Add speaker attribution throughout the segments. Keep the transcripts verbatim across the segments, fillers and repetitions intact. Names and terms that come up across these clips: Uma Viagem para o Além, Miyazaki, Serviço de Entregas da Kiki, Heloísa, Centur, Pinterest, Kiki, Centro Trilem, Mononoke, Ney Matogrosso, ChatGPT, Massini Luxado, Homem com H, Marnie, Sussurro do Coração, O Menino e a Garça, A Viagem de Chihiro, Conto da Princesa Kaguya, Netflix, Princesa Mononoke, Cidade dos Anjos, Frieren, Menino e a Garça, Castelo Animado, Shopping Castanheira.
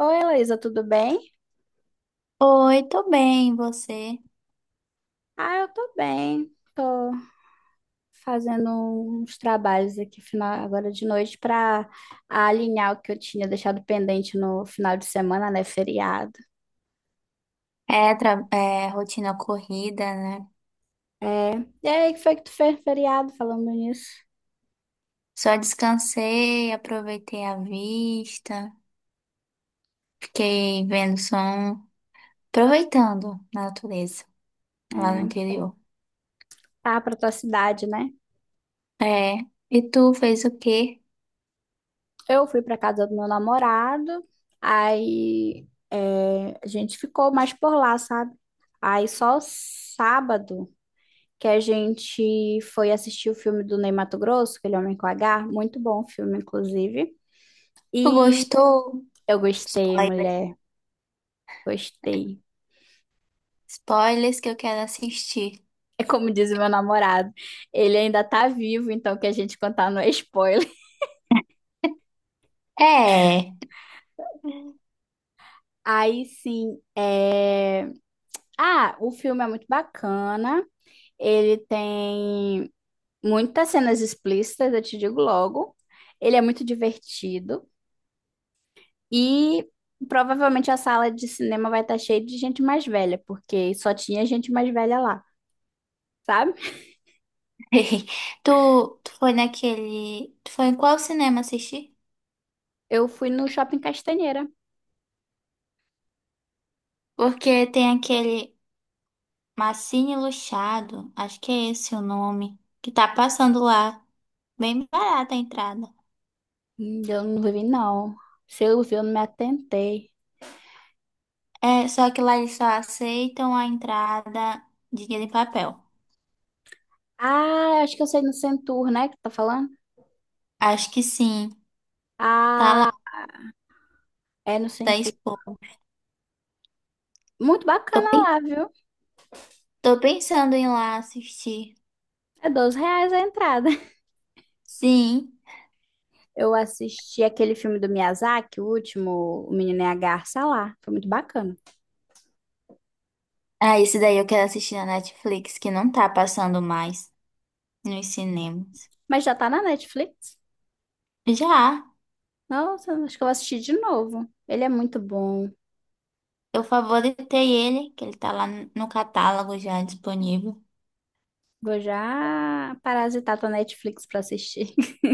Speaker 1: Oi, Heloísa, tudo bem?
Speaker 2: Oi, tô bem, e você?
Speaker 1: Ah, eu tô bem. Tô fazendo uns trabalhos aqui final, agora de noite para alinhar o que eu tinha deixado pendente no final de semana, né? Feriado.
Speaker 2: É, tra- é, rotina corrida, né?
Speaker 1: É. E aí, o que foi que tu fez no feriado falando nisso?
Speaker 2: Só descansei, aproveitei a vista, fiquei vendo som, aproveitando a natureza lá no interior.
Speaker 1: Ah, pra tua cidade, né?
Speaker 2: É, e tu fez o quê?
Speaker 1: Eu fui pra casa do meu namorado, aí é, a gente ficou mais por lá, sabe? Aí só sábado. Que a gente foi assistir o filme do Ney Matogrosso, aquele Homem com H, muito bom o filme, inclusive.
Speaker 2: Tu
Speaker 1: E
Speaker 2: gostou?
Speaker 1: eu gostei,
Speaker 2: Spoiler.
Speaker 1: mulher, gostei.
Speaker 2: Spoilers que eu quero assistir.
Speaker 1: É como diz o meu namorado, ele ainda tá vivo, então o que a gente contar não é spoiler.
Speaker 2: É.
Speaker 1: Aí sim, é... ah, o filme é muito bacana, ele tem muitas cenas explícitas, eu te digo logo. Ele é muito divertido. E provavelmente a sala de cinema vai estar cheia de gente mais velha, porque só tinha gente mais velha lá, sabe?
Speaker 2: Tu, tu foi naquele. Tu foi em qual cinema assistir?
Speaker 1: Eu fui no Shopping Castanheira.
Speaker 2: Porque tem aquele. Massini Luxado, acho que é esse o nome, que tá passando lá. Bem barata a entrada.
Speaker 1: Hum, Eu não vi, não. Se eu vi, eu não me atentei.
Speaker 2: É, só que lá eles só aceitam a entrada de dinheiro em papel.
Speaker 1: Ah, acho que eu sei no Centur, né? Que tá falando?
Speaker 2: Acho que sim. Tá lá,
Speaker 1: Ah, é no
Speaker 2: tá
Speaker 1: Centur.
Speaker 2: exposto.
Speaker 1: Muito
Speaker 2: Tô,
Speaker 1: bacana
Speaker 2: pen-
Speaker 1: lá, viu?
Speaker 2: tô pensando em ir lá assistir.
Speaker 1: É doze reais a entrada.
Speaker 2: Sim.
Speaker 1: Eu assisti aquele filme do Miyazaki, o último, O Menino e a Garça lá. Foi muito bacana.
Speaker 2: Ah, esse daí eu quero assistir na Netflix, que não tá passando mais nos cinemas.
Speaker 1: Mas já tá na Netflix.
Speaker 2: Já,
Speaker 1: Nossa, acho que eu vou assistir de novo. Ele é muito bom.
Speaker 2: eu favoritei ele, que ele tá lá no catálogo já disponível.
Speaker 1: Vou já parasitar tua Netflix pra assistir.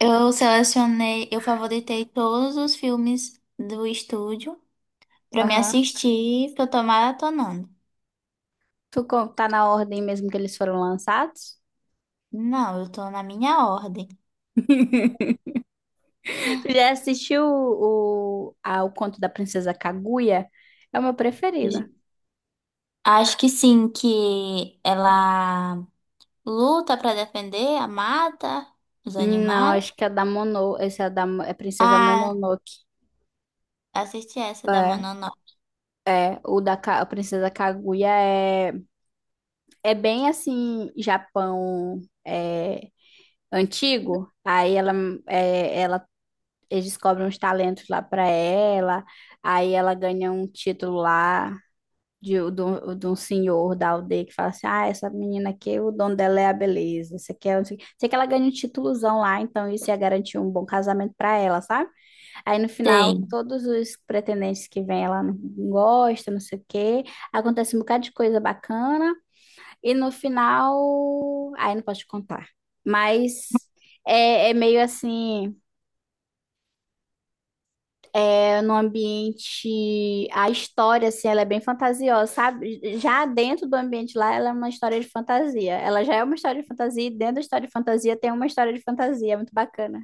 Speaker 2: Eu selecionei, eu favoritei todos os filmes do estúdio pra me
Speaker 1: Aham.
Speaker 2: assistir, que eu tô maratonando.
Speaker 1: Tu co- tá na ordem mesmo que eles foram lançados?
Speaker 2: Não, eu tô na minha ordem.
Speaker 1: Tu já assistiu o, o, a- o Conto da Princesa Kaguya? É o meu preferido.
Speaker 2: J- Acho que sim, que ela luta pra defender a mata, os
Speaker 1: Não,
Speaker 2: animais.
Speaker 1: acho que é da Mono. Esse é da é Princesa
Speaker 2: Ah,
Speaker 1: Mononoke.
Speaker 2: assisti essa da
Speaker 1: É,
Speaker 2: Mononoke.
Speaker 1: é, o da Ka- a Princesa Kaguya é, é bem assim, Japão é, antigo. Aí ela, é, ela eles descobrem uns talentos lá para ela, aí ela ganha um título lá de, de, de um senhor da aldeia que fala assim: ah, essa menina aqui, o dono dela é a beleza, você quer. Não sei o quê. Sei que ela ganha um títulozão lá, então isso ia garantir um bom casamento para ela, sabe? Aí no final,
Speaker 2: Sei.
Speaker 1: todos os pretendentes que vêm, ela não gosta, não sei o quê, acontece um bocado de coisa bacana, e no final. Aí não posso te contar. Mas é, é meio assim. É, no ambiente, a história, assim, ela é bem fantasiosa, sabe? Já dentro do ambiente lá, ela é uma história de fantasia. Ela já é uma história de fantasia e dentro da história de fantasia tem uma história de fantasia, é muito bacana.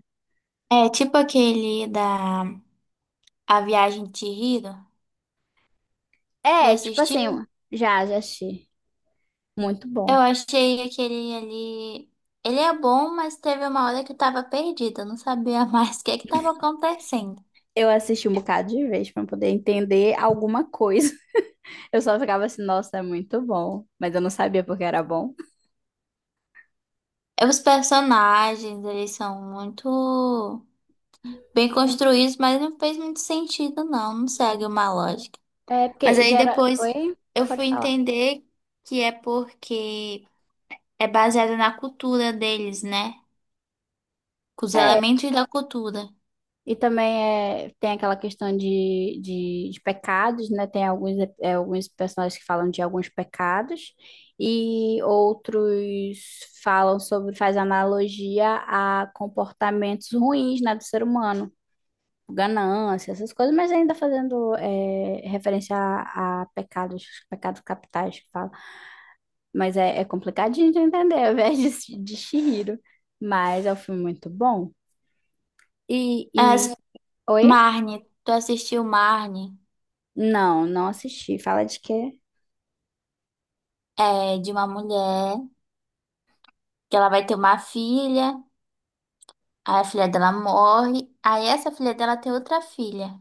Speaker 2: É tipo aquele da A Viagem de Chihiro. Já
Speaker 1: É, tipo
Speaker 2: assisti?
Speaker 1: assim, já, já assisti. Muito
Speaker 2: Eu
Speaker 1: bom.
Speaker 2: achei aquele ali. Ele é bom, mas teve uma hora que eu tava perdida, eu não sabia mais o que é que tava acontecendo.
Speaker 1: Eu assisti um bocado de vez para poder entender alguma coisa. Eu só ficava assim, nossa, é muito bom. Mas eu não sabia porque era bom.
Speaker 2: É, os personagens, eles são muito bem construídos, mas não fez muito sentido, não, não segue uma lógica.
Speaker 1: É,
Speaker 2: Mas
Speaker 1: porque
Speaker 2: aí
Speaker 1: gera...
Speaker 2: depois
Speaker 1: Oi?
Speaker 2: eu
Speaker 1: Pode
Speaker 2: fui
Speaker 1: falar.
Speaker 2: entender que é porque é baseado na cultura deles, né? Com os
Speaker 1: É,
Speaker 2: elementos da cultura.
Speaker 1: e também é, tem aquela questão de, de, de pecados, né? Tem alguns, ep- é, alguns personagens que falam de alguns pecados e outros falam sobre, faz analogia a comportamentos ruins, né, do ser humano, ganância, essas coisas, mas ainda fazendo é, referência a, a pecados, pecados capitais que fala. Mas é, é complicadinho de entender, ao invés de, de Chihiro. Mas é um filme muito bom. E, e...
Speaker 2: As
Speaker 1: Oi?
Speaker 2: Marnie, tu assistiu Marnie?
Speaker 1: Não, não assisti. Fala de quê?
Speaker 2: É, de uma mulher. Que ela vai ter uma filha, aí a filha dela morre, aí essa filha dela tem outra filha.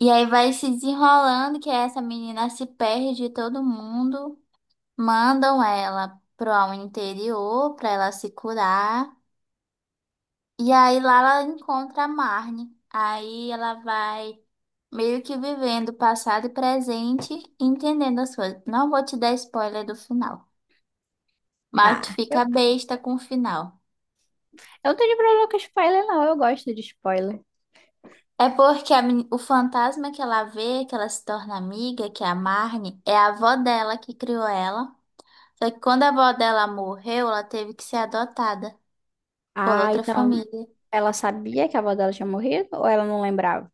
Speaker 2: E aí vai se desenrolando que essa menina se perde, todo mundo mandam ela pro ao interior pra ela se curar. E aí lá ela encontra a Marne. Aí ela vai meio que vivendo passado e presente, entendendo as coisas. Não vou te dar spoiler do final, mas tu
Speaker 1: Ah, eu,
Speaker 2: fica besta com o final.
Speaker 1: eu não tenho problema com spoiler, não. Eu gosto de spoiler.
Speaker 2: É porque a meni- o fantasma que ela vê, que ela se torna amiga, que é a Marne, é a avó dela que criou ela. Só que quando a avó dela morreu, ela teve que ser adotada por
Speaker 1: Ah,
Speaker 2: outra
Speaker 1: então
Speaker 2: família.
Speaker 1: ela sabia que a avó dela tinha morrido ou ela não lembrava?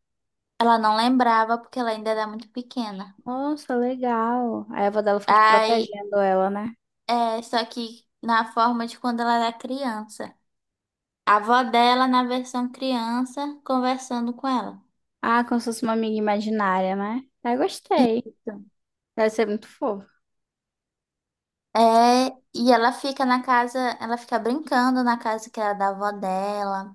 Speaker 2: Ela não lembrava porque ela ainda era muito pequena.
Speaker 1: Nossa, legal. Aí a avó dela ficou te
Speaker 2: Aí,
Speaker 1: protegendo ela, né?
Speaker 2: é, só que na forma de quando ela era criança. A avó dela na versão criança conversando com ela.
Speaker 1: Ah, como se fosse uma amiga imaginária, né? Ah, gostei.
Speaker 2: Isso.
Speaker 1: Deve ser muito fofo.
Speaker 2: É, e ela fica na casa, ela fica brincando na casa que era da avó dela.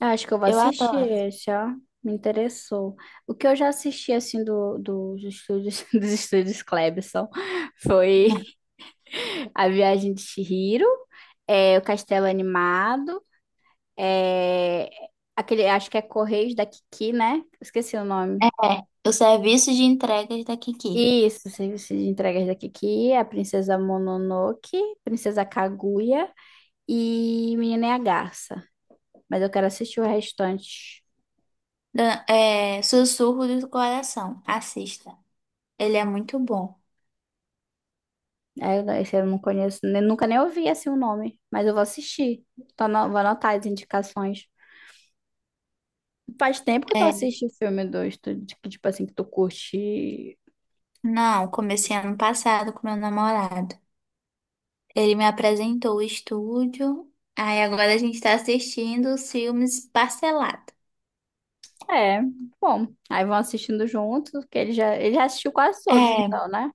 Speaker 1: Ah, acho que eu vou
Speaker 2: Eu
Speaker 1: assistir
Speaker 2: adoro.
Speaker 1: esse, ó. Me interessou. O que eu já assisti, assim, do, dos estúdios, dos estúdios Cleberson foi. A Viagem de Chihiro, é, o Castelo Animado, é, aquele, acho que é Correios da Kiki, né? Esqueci o
Speaker 2: É,
Speaker 1: nome.
Speaker 2: o serviço de entregas da Kiki.
Speaker 1: Isso, Serviço de Entregas da Kiki, a Princesa Mononoke, Princesa Kaguya e Menina e a Garça. Mas eu quero assistir o restante.
Speaker 2: Da- é, Sussurro do Coração. Assista. Ele é muito bom.
Speaker 1: Aí eu- Esse eu não conheço, nem- nunca nem ouvi assim o nome, mas eu vou assistir. Tô ano- vou anotar as indicações. Faz tempo que tu
Speaker 2: É,
Speaker 1: assiste filme do estúdio, que, tipo assim, que tu curte.
Speaker 2: não, comecei ano passado com meu namorado. Ele me apresentou o estúdio. Aí agora a gente tá assistindo os filmes parcelado.
Speaker 1: É, bom. Aí vão assistindo juntos, que ele já, ele já assistiu quase todos,
Speaker 2: É,
Speaker 1: então, né?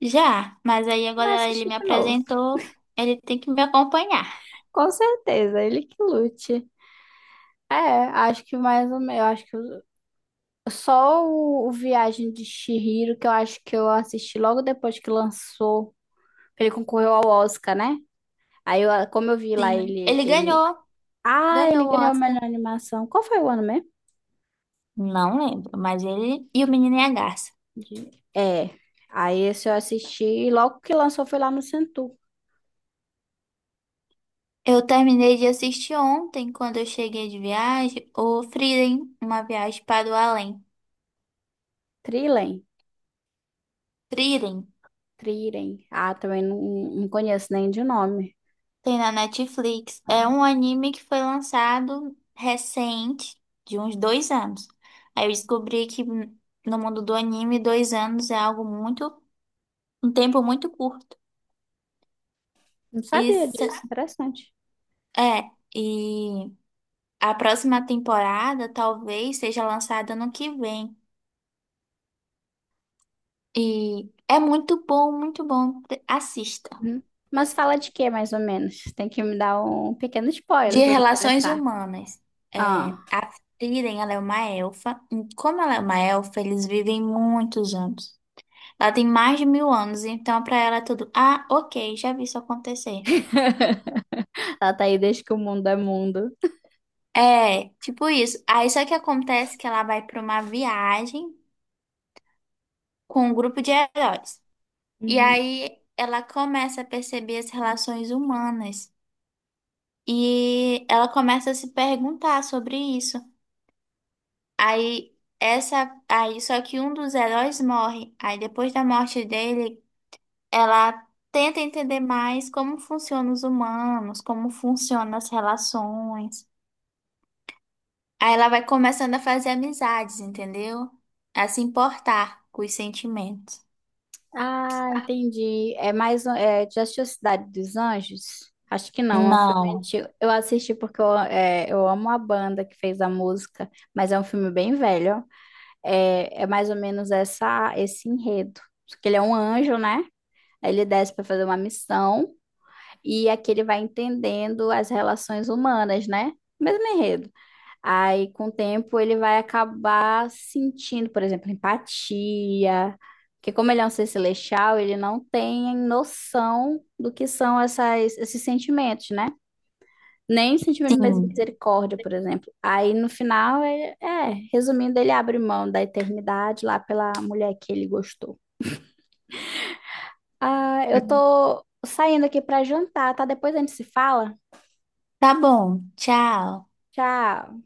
Speaker 2: já, mas aí
Speaker 1: Ele vai
Speaker 2: agora ele
Speaker 1: assistir
Speaker 2: me
Speaker 1: de novo.
Speaker 2: apresentou. Ele tem que me acompanhar.
Speaker 1: Com certeza, ele que lute. É, acho que mais ou menos, eu acho que o- só o, o Viagem de Chihiro, que eu acho que eu assisti logo depois que lançou, que ele concorreu ao Oscar, né? Aí, eu, como eu vi lá,
Speaker 2: Sim,
Speaker 1: ele,
Speaker 2: ele
Speaker 1: ele...
Speaker 2: ganhou.
Speaker 1: ah, ele
Speaker 2: Ganhou o
Speaker 1: ganhou a
Speaker 2: Oscar.
Speaker 1: melhor animação. Qual foi o ano mesmo?
Speaker 2: Não lembro, mas ele e o Menino e a Garça.
Speaker 1: De- É, aí esse eu assisti e logo que lançou foi lá no Centro
Speaker 2: Eu terminei de assistir ontem, quando eu cheguei de viagem, o Frieren, Uma Viagem para o Além.
Speaker 1: Trilem.
Speaker 2: Frieren
Speaker 1: Triren. Ah, também não, não conheço nem de nome.
Speaker 2: tem na Netflix. É um anime que foi lançado recente, de uns dois anos. Aí eu descobri que hum, no mundo do anime, dois anos é algo muito, um tempo muito curto.
Speaker 1: Não sabia
Speaker 2: Isso
Speaker 1: disso, interessante.
Speaker 2: é. E a próxima temporada talvez seja lançada no que vem. E é muito bom, muito bom. Assista.
Speaker 1: Uhum. Mas fala de quê, mais ou menos? Tem que me dar um pequeno
Speaker 2: De
Speaker 1: spoiler pra me
Speaker 2: relações
Speaker 1: interessar.
Speaker 2: humanas,
Speaker 1: Ah.
Speaker 2: é, a Frieren, ela é uma elfa. E como ela é uma elfa, eles vivem muitos anos. Ela tem mais de mil anos, então pra ela é tudo. Ah, ok, já vi isso acontecer.
Speaker 1: Ela tá aí desde que o mundo é mundo.
Speaker 2: É, tipo isso. Aí só que acontece que ela vai pra uma viagem com um grupo de heróis. E
Speaker 1: Uhum.
Speaker 2: aí ela começa a perceber as relações humanas. E ela começa a se perguntar sobre isso. Aí essa aí só que um dos heróis morre. Aí depois da morte dele, ela tenta entender mais como funcionam os humanos, como funcionam as relações. Aí ela vai começando a fazer amizades, entendeu? A se importar com os sentimentos.
Speaker 1: Ah, entendi. É mais um. É, já assistiu Cidade dos Anjos? Acho que não, é um filme
Speaker 2: Não,
Speaker 1: antigo. Eu assisti porque eu, é, eu amo a banda que fez a música, mas é um filme bem velho. Ó. É, é mais ou menos essa, esse enredo. Porque ele é um anjo, né? Aí ele desce para fazer uma missão e aqui ele vai entendendo as relações humanas, né? Mesmo enredo. Aí, com o tempo, ele vai acabar sentindo, por exemplo, empatia, porque como ele é um ser celestial, ele não tem noção do que são essas, esses sentimentos, né? Nem sentimento de
Speaker 2: sim.
Speaker 1: misericórdia, por exemplo. Aí, no final, é, é, resumindo, ele abre mão da eternidade lá pela mulher que ele gostou. Ah, eu tô saindo aqui pra jantar, tá? Depois a gente se fala.
Speaker 2: Tá bom, tchau.
Speaker 1: Tchau.